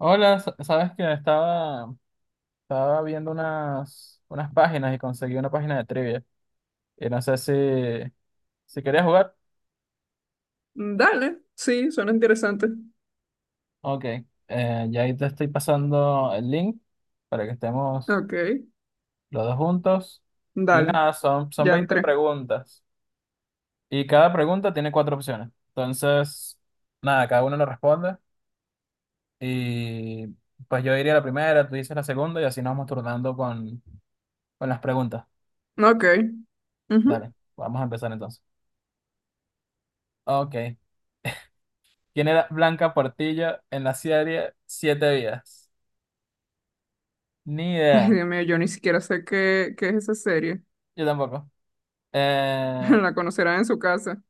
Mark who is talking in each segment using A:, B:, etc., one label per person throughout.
A: Hola, sabes que estaba viendo unas páginas y conseguí una página de trivia. Y no sé si querías jugar.
B: Dale, sí, suena interesante.
A: Ok, ya ahí te estoy pasando el link para que estemos
B: Ok,
A: los dos juntos. Y
B: dale,
A: nada, son
B: ya
A: 20
B: entré.
A: preguntas. Y cada pregunta tiene cuatro opciones. Entonces, nada, cada uno lo responde. Y pues yo diría la primera, tú dices la segunda y así nos vamos turnando con las preguntas.
B: Ok. Ujú.
A: Dale, vamos a empezar entonces. Ok. ¿Quién era Blanca Portillo en la serie Siete Vidas? Ni
B: Ay,
A: idea.
B: Dios mío, yo ni siquiera sé qué es esa serie.
A: Yo tampoco. Eh,
B: La conocerán en su casa.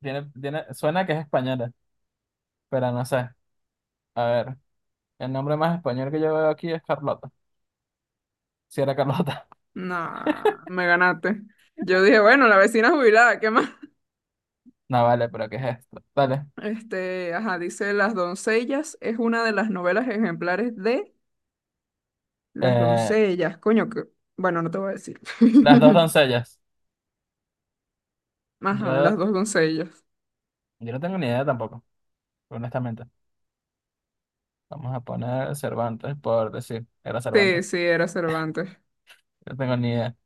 A: tiene, suena que es española, pero no sé. A ver, el nombre más español que yo veo aquí es Carlota. Si era Carlota.
B: Nah, me ganaste. Yo dije, bueno, la vecina jubilada, ¿qué más?
A: No vale, pero ¿qué es esto? Dale.
B: Este, ajá, dice Las doncellas es una de las novelas ejemplares de Las
A: Eh,
B: doncellas. Coño, que... Bueno, no te voy a decir.
A: las dos doncellas.
B: Ajá, Las
A: Yo,
B: dos doncellas.
A: yo no tengo ni idea tampoco, honestamente. Vamos a poner Cervantes, por decir, era Cervantes.
B: Sí, sí, era Cervantes.
A: No tengo ni idea.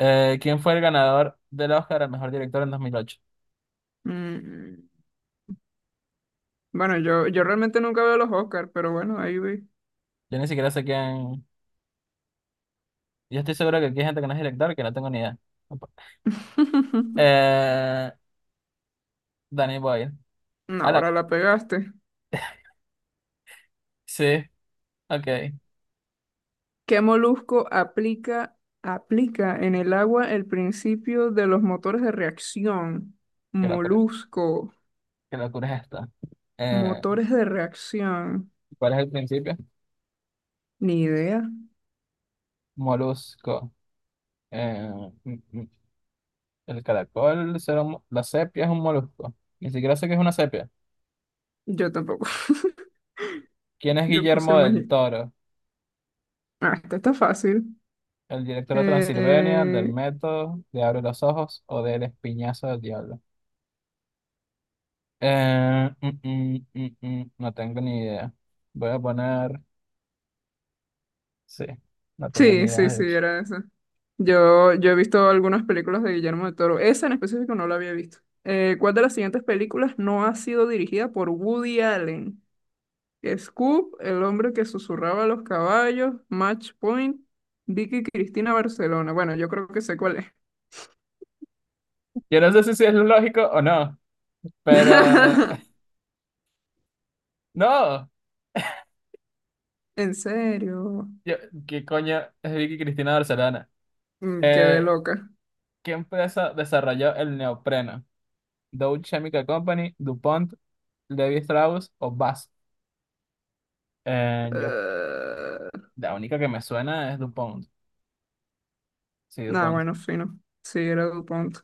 A: ¿Quién fue el ganador del Oscar al mejor director en 2008?
B: Mm. Bueno, yo realmente nunca veo los Oscars, pero bueno, ahí vi.
A: Yo ni siquiera sé quién. Yo estoy seguro que aquí hay gente que no es director, que no tengo ni idea. Eh, Danny Boyle.
B: No,
A: Ala,
B: ahora la pegaste.
A: sí, ok.
B: ¿Qué molusco aplica en el agua el principio de los motores de reacción?
A: Qué locura.
B: Molusco,
A: Qué locura es esta. Eh,
B: motores de reacción.
A: ¿Cuál es el principio?
B: Ni idea.
A: Molusco. Eh, mm, mm, el caracol será un. La sepia es un molusco. Ni siquiera sé qué es una sepia.
B: Yo tampoco.
A: ¿Quién es
B: Yo puse
A: Guillermo
B: el
A: del
B: mejillón.
A: Toro?
B: Ah, esta está fácil.
A: El director de Transilvania, del
B: Eh,
A: método, de Abre los Ojos o del Espiñazo del Diablo. No tengo ni idea. Voy a poner. Sí, no tenía ni
B: Sí, sí,
A: idea, de
B: sí,
A: hecho.
B: era esa. Yo he visto algunas películas de Guillermo del Toro. Esa en específico no la había visto. ¿Cuál de las siguientes películas no ha sido dirigida por Woody Allen? Scoop, El hombre que susurraba a los caballos, Match Point, Vicky Cristina Barcelona. Bueno, yo creo que sé cuál es.
A: Yo no sé si sí es lógico o no, pero no.
B: En serio.
A: Yo- ¿Qué coño es Vicky Cristina Barcelona?
B: Mm, quedé
A: Eh,
B: loca.
A: ¿Qué empresa desarrolló el neopreno? Dow Chemical Company, DuPont, Levi Strauss o Bass? Eh, yo,
B: Eh,
A: la única que me suena es DuPont. Sí,
B: Nada,
A: DuPont.
B: bueno, fino. Sí, era DuPont.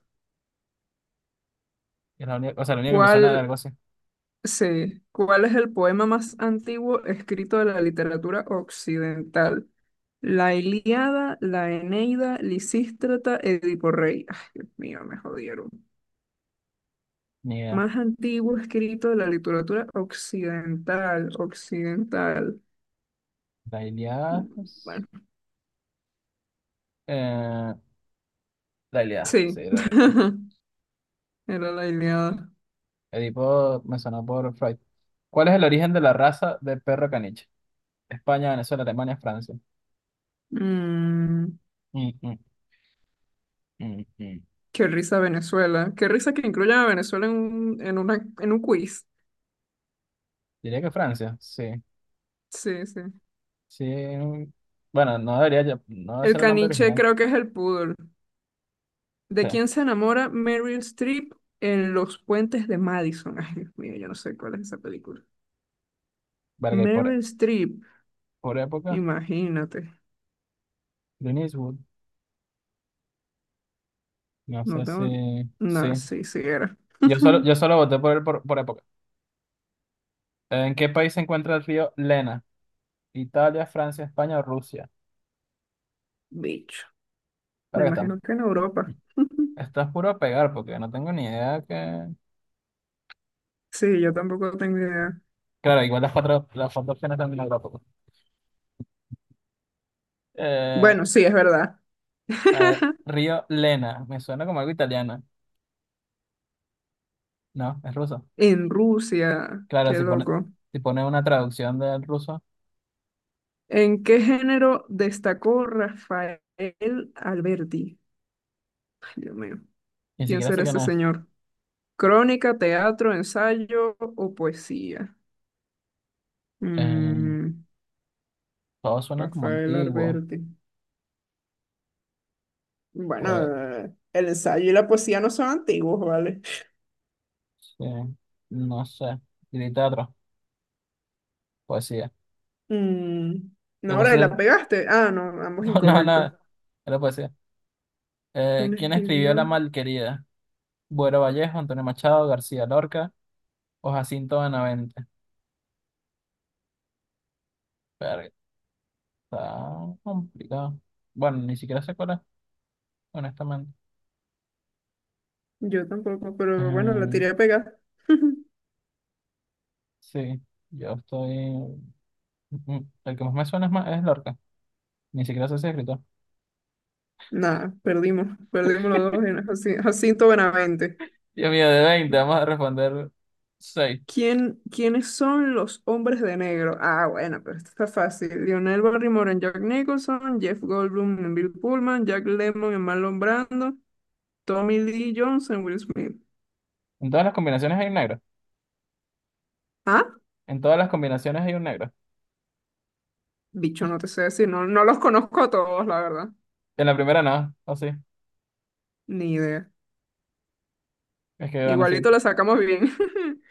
A: Es la única, o sea, la única que me suena de
B: ¿Cuál?
A: algo así.
B: Sí. ¿Cuál es el poema más antiguo escrito de la literatura occidental? La Ilíada, la Eneida, Lisístrata, Edipo Rey. Ay, Dios mío, me jodieron.
A: Ni idea.
B: Más antiguo escrito de la literatura occidental.
A: Dalila.
B: Mm, bueno,
A: Eh, Dalila.
B: sí,
A: Sí, Dalila.
B: era la Ilíada.
A: El tipo me sonó por Freud. ¿Cuál es el origen de la raza de perro caniche? España, Venezuela, Alemania, Francia.
B: Mm,
A: Mm, mm, mm, mm.
B: qué risa Venezuela. Qué risa que incluyan a Venezuela en un quiz.
A: Diría que Francia, sí.
B: Sí, sí.
A: Sí. Bueno, no debería, no debe
B: El
A: ser el nombre
B: caniche
A: original.
B: creo que es el pudor. ¿De
A: Sí.
B: quién se enamora Meryl Streep en Los Puentes de Madison? Ay, Dios mío, yo no sé cuál es esa película.
A: Verga, y por,
B: Meryl Streep,
A: por época,
B: imagínate.
A: Clint Eastwood. No
B: No
A: sé si.
B: tengo.
A: Sí.
B: No, sí, sí era.
A: Yo solo, yo solo voté por él por época. ¿En qué país se encuentra el río Lena? Italia, Francia, España o Rusia.
B: Bicho. Me
A: Verga, está,
B: imagino que en Europa.
A: está puro a pegar porque no tengo ni idea que.
B: Sí, yo tampoco tengo idea.
A: Claro, igual las cuatro opciones también las tampoco. Eh,
B: Bueno, sí, es verdad.
A: a ver, río Lena. Me suena como algo italiano. No, es ruso.
B: En Rusia,
A: Claro,
B: qué
A: si pone,
B: loco.
A: si pone una traducción del ruso,
B: ¿En qué género destacó Rafael Alberti? Ay, Dios mío.
A: ni
B: ¿Quién
A: siquiera sé
B: será
A: quién
B: ese
A: es.
B: señor? Crónica, teatro, ensayo o poesía.
A: Eh,
B: Mm,
A: Todos suenan como
B: Rafael
A: antiguos.
B: Alberti. Bueno,
A: Pues,
B: el ensayo y la poesía no son antiguos, ¿vale?
A: sí, no sé. Y teatro, poesía.
B: Mm,
A: ¿Qué
B: no, ahora
A: poesía?
B: la pegaste. Ah, no, ambos
A: No, no,
B: incorrectos.
A: no, era poesía.
B: ¿Quién
A: ¿Quién escribió La
B: escribió?
A: Malquerida? Buero Vallejo, Antonio Machado, García Lorca o Jacinto Benavente. Verga, está complicado. Bueno, ni siquiera sé cuál es, honestamente.
B: Yo tampoco, pero bueno, la
A: Eh,
B: tiré a pegar.
A: sí, yo estoy. El que más me suena es Lorca. Ni siquiera sé si es escritor.
B: Nada, perdimos los dos en Jaci- Jacinto Benavente.
A: Dios mío, de 20 vamos a responder 6.
B: ¿Quiénes son los hombres de negro? Ah, bueno, pero esto está fácil. Lionel Barrymore en Jack Nicholson, Jeff Goldblum en Bill Pullman, Jack Lemmon en Marlon Brando, Tommy Lee Jones en Will Smith.
A: En todas las combinaciones hay un negro.
B: Ah,
A: En todas las combinaciones hay un negro.
B: bicho, no te sé decir, no, no los conozco a todos, la verdad.
A: En la primera no, o sí.
B: Ni idea.
A: Es que van así.
B: Igualito la sacamos bien.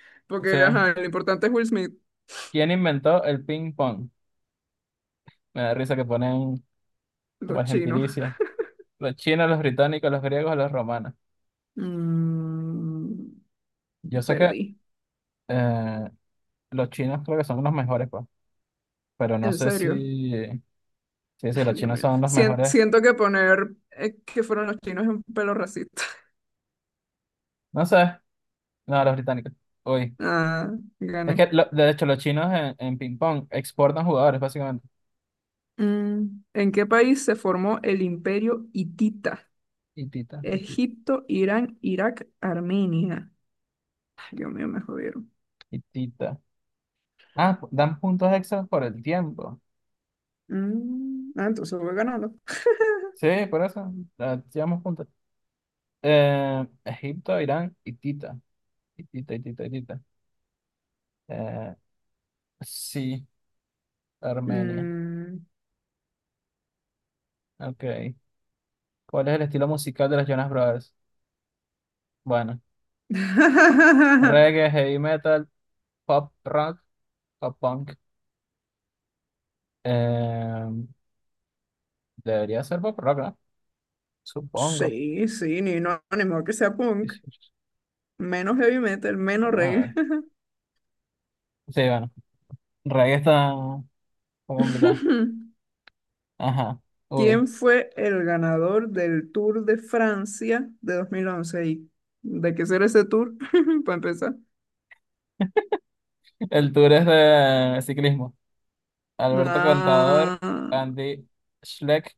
A: Sí.
B: Porque, ajá, lo importante es Will Smith,
A: ¿Quién inventó el ping pong? Me da risa que ponen como
B: los
A: el
B: chinos.
A: gentilicio. Los chinos, los británicos, los griegos, los romanos.
B: Mm,
A: Yo sé que
B: perdí.
A: eh, los chinos creo que son los mejores, pues. Pero no
B: En
A: sé
B: serio.
A: si, sí, sí, los
B: Ay, Dios
A: chinos
B: mío.
A: son los
B: Sien-
A: mejores.
B: siento que poner que fueron los chinos es un pelo racista.
A: No sé. No, los británicos. Uy.
B: Ah,
A: Es que,
B: gané.
A: de hecho, los chinos en ping pong exportan jugadores, básicamente.
B: Mm, ¿en qué país se formó el Imperio Hitita?
A: Y tita, y tita.
B: Egipto, Irán, Irak, Armenia. Ay, Dios mío, me jodieron.
A: Y Tita. Ah, dan puntos extras por el tiempo.
B: Mm, ah, entonces voy ganando.
A: Sí, por eso. Ah, llevamos puntos. Egipto, Irán y Tita. Y Tita, y Tita, y Tita. Eh, sí, Armenia.
B: Mm.
A: Ok. ¿Cuál es el estilo musical de los Jonas Brothers? Bueno, reggae, heavy metal, pop rock, pop punk. Eh, Debería ser pop rock, ¿no? Supongo.
B: Sí, sí, ni no, ni modo que sea
A: Sí,
B: punk.
A: sí, sí.
B: Menos heavy metal, menos
A: Vamos a
B: reggae.
A: ver. Sí, bueno. Reggae está complicado. Ajá. Uy.
B: ¿Quién fue el ganador del Tour de Francia de 2011? ¿Y de qué será ese tour? Para empezar.
A: El tour es de ciclismo. Alberto
B: Ah,
A: Contador, Andy Schleck,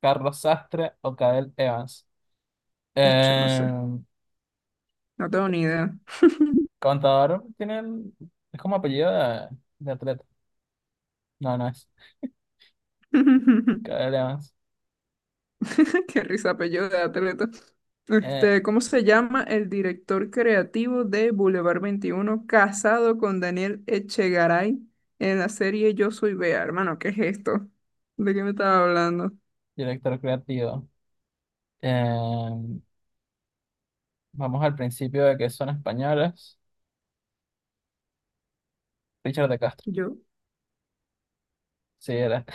A: Carlos Sastre o Cadel Evans.
B: bicho, no sé.
A: Eh,
B: No tengo ni idea.
A: Contador tiene es como apellido de atleta. No, no es. Cadel Evans.
B: Qué risa apellido de atleta.
A: Eh,
B: Este, ¿cómo se llama el director creativo de Boulevard 21, casado con Daniel Echegaray en la serie Yo Soy Bea? Hermano, ¿qué es esto? ¿De qué me estaba hablando?
A: Director creativo. Eh, Vamos al principio de que son españoles. Richard de Castro.
B: Yo.
A: Sí, era.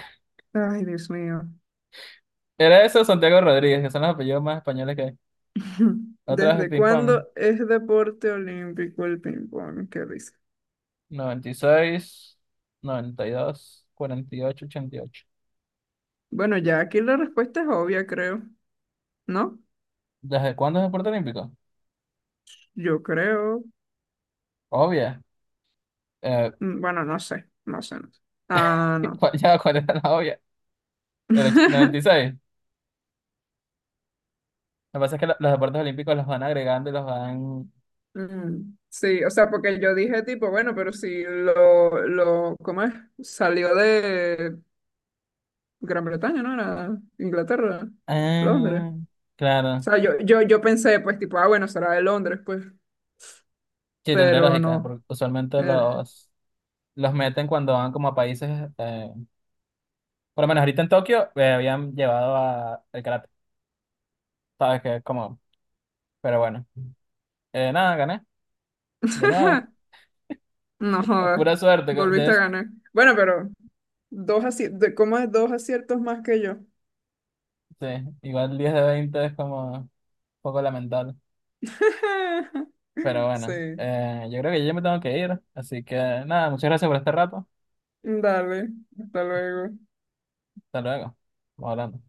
B: Ay, Dios mío.
A: Era eso, Santiago Rodríguez, que son los apellidos más españoles que hay. Otra vez el
B: ¿Desde
A: ping-pong.
B: cuándo es deporte olímpico el ping-pong? Qué risa.
A: Noventa y seis, dos, 48, 88.
B: Bueno, ya aquí la respuesta es obvia, creo, ¿no?
A: ¿Desde cuándo es deporte olímpico?
B: Yo creo,
A: Obvio. eh,
B: mm, bueno, no sé. Ah, no.
A: ya cuál era la obvia, el noventa y seis, Lo que pasa es que los deportes olímpicos los van agregando y los van...
B: Mm, sí, o sea, porque yo dije tipo, bueno, pero si lo, ¿cómo es? Salió de Gran Bretaña, ¿no? Era Inglaterra, Londres.
A: Ah,
B: O
A: claro.
B: sea, yo pensé, pues, tipo, ah, bueno, será de Londres, pues,
A: Sí, tendría
B: pero
A: lógica,
B: no.
A: porque usualmente
B: Era-
A: los meten cuando van como a países... eh, por lo menos ahorita en Tokio habían llevado a el karate. Sabes que es como... Pero bueno. Nada, gané. De nuevo.
B: No jodas,
A: Pura suerte. co-
B: volviste
A: De,
B: a ganar. Bueno, pero dos aci- de- ¿cómo es? Dos aciertos más que yo.
A: sí, igual 10 de 20 es como un poco lamentable. Pero
B: Sí.
A: bueno, yo creo que yo ya me tengo que ir. Así que nada, muchas gracias por este rato.
B: Dale, hasta luego.
A: Hasta luego. Vamos hablando.